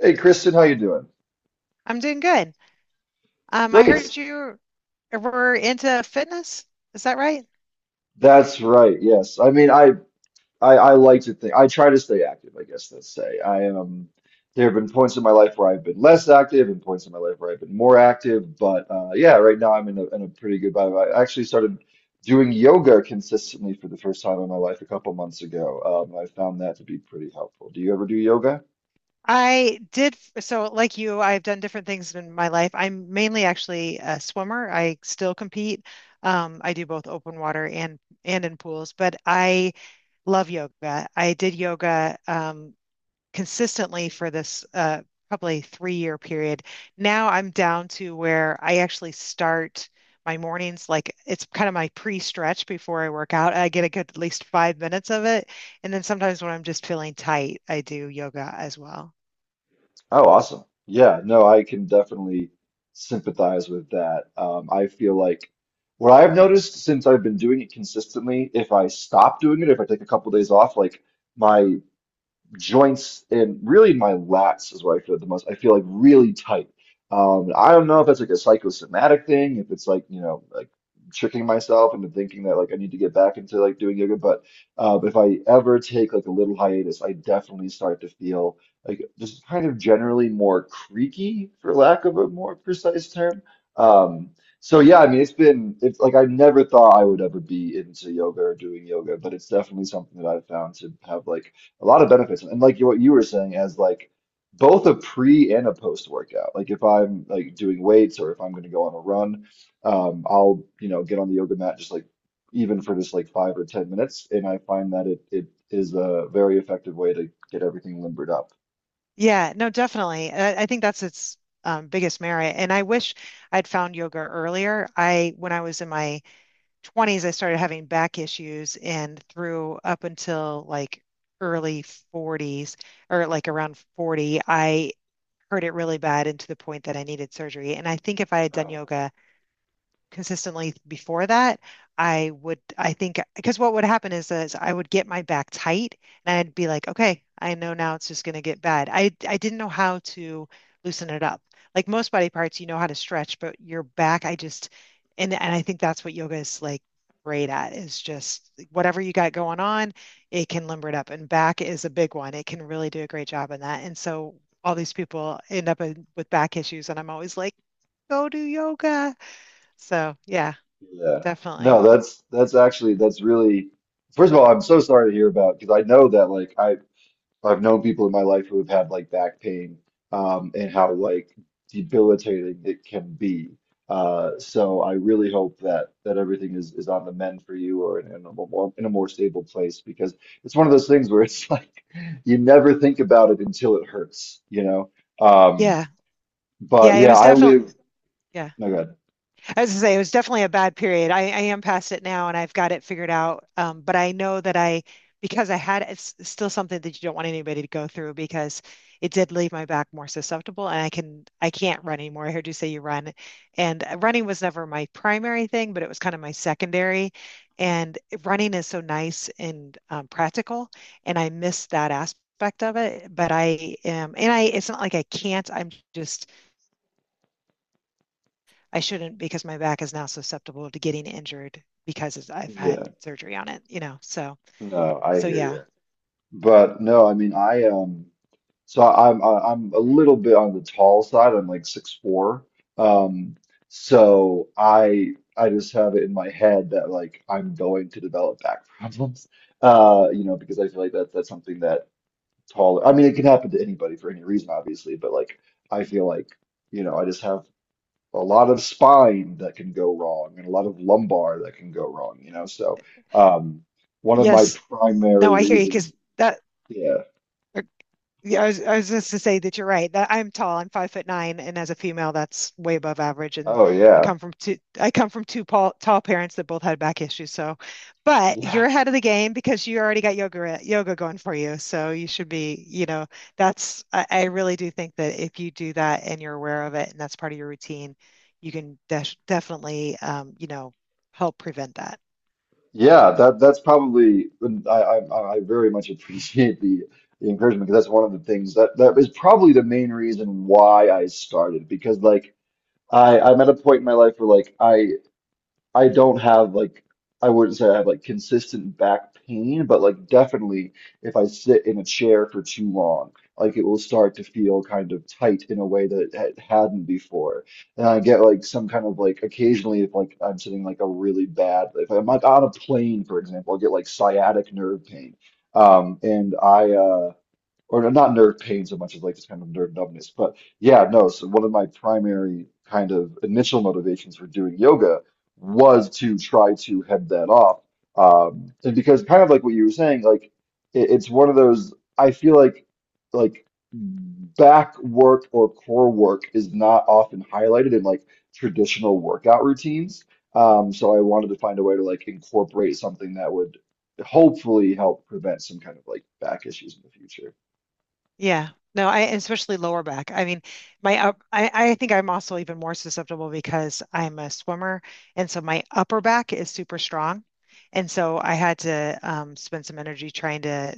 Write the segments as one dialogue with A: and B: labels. A: Hey Kristen, how you doing?
B: I'm doing good. I
A: Great.
B: heard you were into fitness. Is that right?
A: That's right. Yes. I mean, I like to think I try to stay active, I guess let's say. I There have been points in my life where I've been less active and points in my life where I've been more active, but yeah, right now I'm in a pretty good vibe. I actually started doing yoga consistently for the first time in my life a couple months ago. I found that to be pretty helpful. Do you ever do yoga?
B: I did. So, like you, I've done different things in my life. I'm mainly actually a swimmer. I still compete. I do both open water and in pools, but I love yoga. I did yoga, consistently for this probably 3 year period. Now I'm down to where I actually start my mornings, like it's kind of my pre-stretch before I work out. I get a good at least 5 minutes of it. And then sometimes when I'm just feeling tight, I do yoga as well.
A: Oh, awesome. Yeah, no, I can definitely sympathize with that. I feel like what I've noticed since I've been doing it consistently, if I stop doing it, if I take a couple days off, like my joints and really my lats is where I feel it the most. I feel like really tight. I don't know if that's like a psychosomatic thing, if it's like, you know, like tricking myself into thinking that like I need to get back into like doing yoga. But if I ever take like a little hiatus, I definitely start to feel like just kind of generally more creaky, for lack of a more precise term. Um, so yeah, I mean, it's been, it's like I never thought I would ever be into yoga or doing yoga, but it's definitely something that I've found to have like a lot of benefits and like you, what you were saying as like both a pre and a post workout, like if I'm like doing weights or if I'm going to go on a run, I'll, you know, get on the yoga mat just like even for just like 5 or 10 minutes, and I find that it is a very effective way to get everything limbered up.
B: Yeah, no, definitely. I think that's its biggest merit. And I wish I'd found yoga earlier. I, when I was in my 20s, I started having back issues, and through up until like early 40s or like around 40, I hurt it really bad, and to the point that I needed surgery. And I think if I had done
A: Oh,
B: yoga consistently before that, I would, I think, because what would happen is, I would get my back tight and I'd be like, okay, I know now it's just going to get bad. I didn't know how to loosen it up. Like most body parts, you know how to stretch, but your back, I just, and I think that's what yoga is like great at, is just like, whatever you got going on, it can limber it up. And back is a big one. It can really do a great job in that. And so all these people end up in, with back issues, and I'm always like, go do yoga. So, yeah.
A: yeah,
B: Definitely.
A: no that's that's actually that's really, first of all, I'm so sorry to hear about, because I know that like I've known people in my life who have had like back pain, and how like debilitating it can be. So I really hope that that everything is on the mend for you, or in a more, in a more stable place, because it's one of those things where it's like you never think about it until it hurts, you know. Um,
B: Yeah. Yeah,
A: but
B: it
A: yeah,
B: was
A: I
B: definitely
A: live.
B: yeah.
A: No, God.
B: As I was gonna say, it was definitely a bad period. I am past it now, and I've got it figured out. But I know that I because I had it's still something that you don't want anybody to go through, because it did leave my back more susceptible, and I can't run anymore. I heard you say you run. And running was never my primary thing, but it was kind of my secondary. And running is so nice and practical, and I miss that aspect of it. But I am, and I it's not like I can't, I'm just I shouldn't, because my back is now susceptible to getting injured because I've had
A: Yeah.
B: surgery on it, you know. So
A: No, I
B: so
A: hear
B: yeah.
A: you. But no, I mean, I. So I'm a little bit on the tall side. I'm like six four. Um, so I just have it in my head that like I'm going to develop back problems. You know, because I feel like that that's something that tall. I mean, it can happen to anybody for any reason, obviously, but like I feel like, you know, I just have a lot of spine that can go wrong and a lot of lumbar that can go wrong. You know, so um, one of my
B: Yes. No,
A: primary
B: I hear you because
A: reasons.
B: that.
A: Yeah.
B: Yeah, I was just to say that you're right. That I'm tall. I'm 5 foot nine, and as a female, that's way above average. And
A: Oh
B: I
A: yeah.
B: come from two. I come from two tall, tall parents that both had back issues. So, but you're
A: Yeah.
B: ahead of the game because you already got yoga going for you. So you should be. You know, that's. I really do think that if you do that, and you're aware of it, and that's part of your routine, you can definitely, you know, help prevent that.
A: Yeah, that that's probably I very much appreciate the encouragement, because that's one of the things that that is probably the main reason why I started, because like I I'm at a point in my life where like I don't have like, I wouldn't say I have like consistent back pain, but like definitely if I sit in a chair for too long, like it will start to feel kind of tight in a way that it hadn't before. And I get like some kind of like occasionally if like I'm sitting like a really bad if I'm like on a plane, for example, I get like sciatic nerve pain. And I Or not nerve pain so much as like just kind of nerve numbness. But yeah, no. So one of my primary kind of initial motivations for doing yoga was to try to head that off. And because kind of like what you were saying, like it's one of those, I feel like back work or core work is not often highlighted in like traditional workout routines. So I wanted to find a way to like incorporate something that would hopefully help prevent some kind of like back issues in the future.
B: Yeah. No, I especially lower back. I mean, I think I'm also even more susceptible because I'm a swimmer. And so my upper back is super strong. And so I had to spend some energy trying to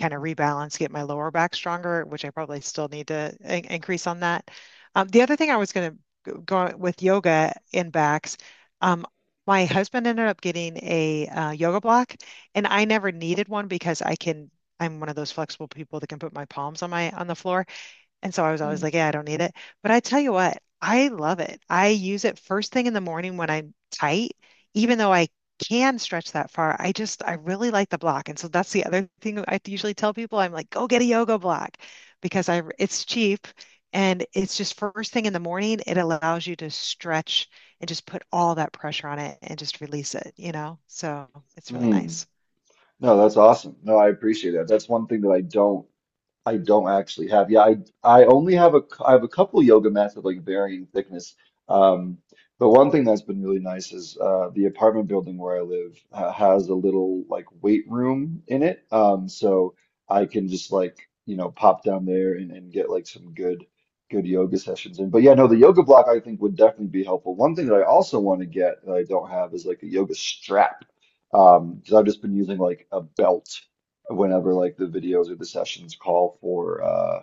B: kind of rebalance, get my lower back stronger, which I probably still need to in increase on that. The other thing I was going to go with yoga in backs, um, my husband ended up getting a yoga block, and I never needed one because I'm one of those flexible people that can put my palms on my on the floor. And so I was always
A: Mm.
B: like, yeah, I don't need it. But I tell you what, I love it. I use it first thing in the morning when I'm tight, even though I can stretch that far. I really like the block. And so that's the other thing I usually tell people. I'm like, go get a yoga block, because I it's cheap, and it's just first thing in the morning. It allows you to stretch and just put all that pressure on it and just release it, you know? So it's really
A: Mm.
B: nice.
A: No, that's awesome. No, I appreciate that. That's one thing that I don't actually have. Yeah, I only have I have a couple yoga mats of like varying thickness. Um, but one thing that's been really nice is the apartment building where I live has a little like weight room in it. So I can just like, you know, pop down there and get like some good good yoga sessions in. But yeah, no, the yoga block I think would definitely be helpful. One thing that I also want to get that I don't have is like a yoga strap. Because I've just been using like a belt whenever like the videos or the sessions call for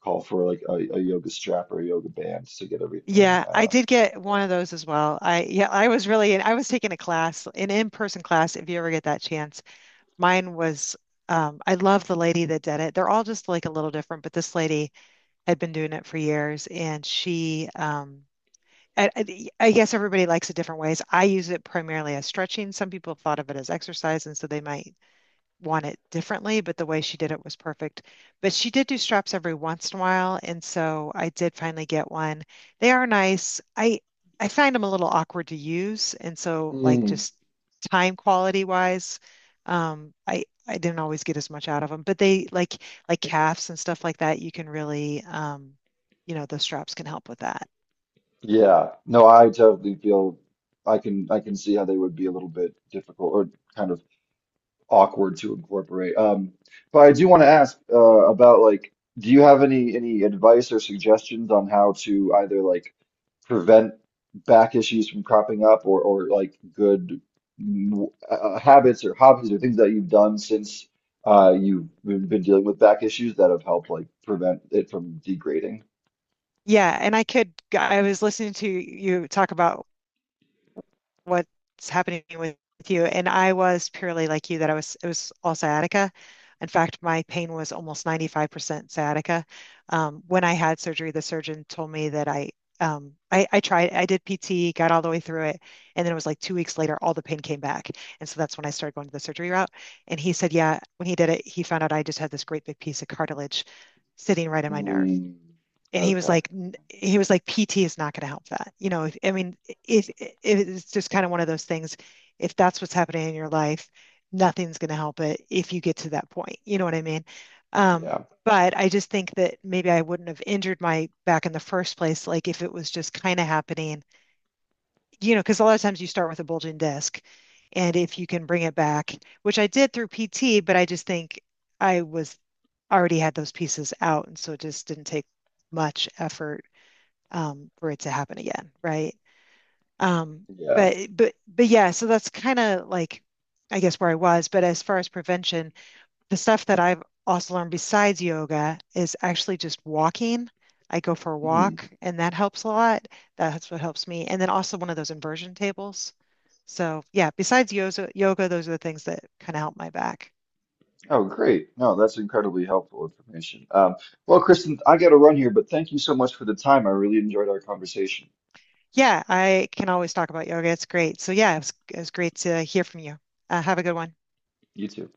A: call for like a yoga strap or a yoga band to get everything
B: Yeah, I did get one of those as well. I yeah, I was really I was taking a class, an in-person class, if you ever get that chance. Mine was I love the lady that did it. They're all just like a little different, but this lady had been doing it for years, and she I guess everybody likes it different ways. I use it primarily as stretching. Some people thought of it as exercise, and so they might want it differently, but the way she did it was perfect. But she did do straps every once in a while, and so I did finally get one. They are nice. I find them a little awkward to use, and so
A: yeah.
B: like just time quality wise, I didn't always get as much out of them. But they like calves and stuff like that. You can really, you know, those straps can help with that.
A: Yeah, no I totally feel I can see how they would be a little bit difficult or kind of awkward to incorporate. But I do want to ask about like, do you have any advice or suggestions on how to either like prevent back issues from cropping up, or like good habits or hobbies or things that you've done since you've been dealing with back issues that have helped like prevent it from degrading?
B: Yeah, and I could. I was listening to you talk about what's happening with you. And I was purely like you that I was, it was all sciatica. In fact, my pain was almost 95% sciatica. When I had surgery, the surgeon told me that I tried, I did PT, got all the way through it. And then it was like 2 weeks later, all the pain came back. And so that's when I started going to the surgery route. And he said, yeah, when he did it, he found out I just had this great big piece of cartilage sitting right in my nerve,
A: Mm,
B: and
A: okay.
B: he was like, PT is not going to help that, you know, I mean, it it's just kind of one of those things. If that's what's happening in your life, nothing's going to help it if you get to that point, you know what I mean um
A: Yeah.
B: but I just think that maybe I wouldn't have injured my back in the first place, like if it was just kind of happening, you know, because a lot of times you start with a bulging disc, and if you can bring it back, which I did through PT. But I just think I was already had those pieces out, and so it just didn't take much effort, for it to happen again, right? Um,
A: Yeah.
B: but yeah, so that's kind of like I guess where I was. But as far as prevention, the stuff that I've also learned besides yoga is actually just walking. I go for a
A: Hmm.
B: walk, and that helps a lot. That's what helps me. And then also one of those inversion tables. So yeah, besides yoga, those are the things that kind of help my back.
A: Oh, great. No, that's incredibly helpful information. Well, Kristen, I got to run here, but thank you so much for the time. I really enjoyed our conversation.
B: Yeah, I can always talk about yoga. It's great. So yeah, it was great to hear from you. Have a good one.
A: You too.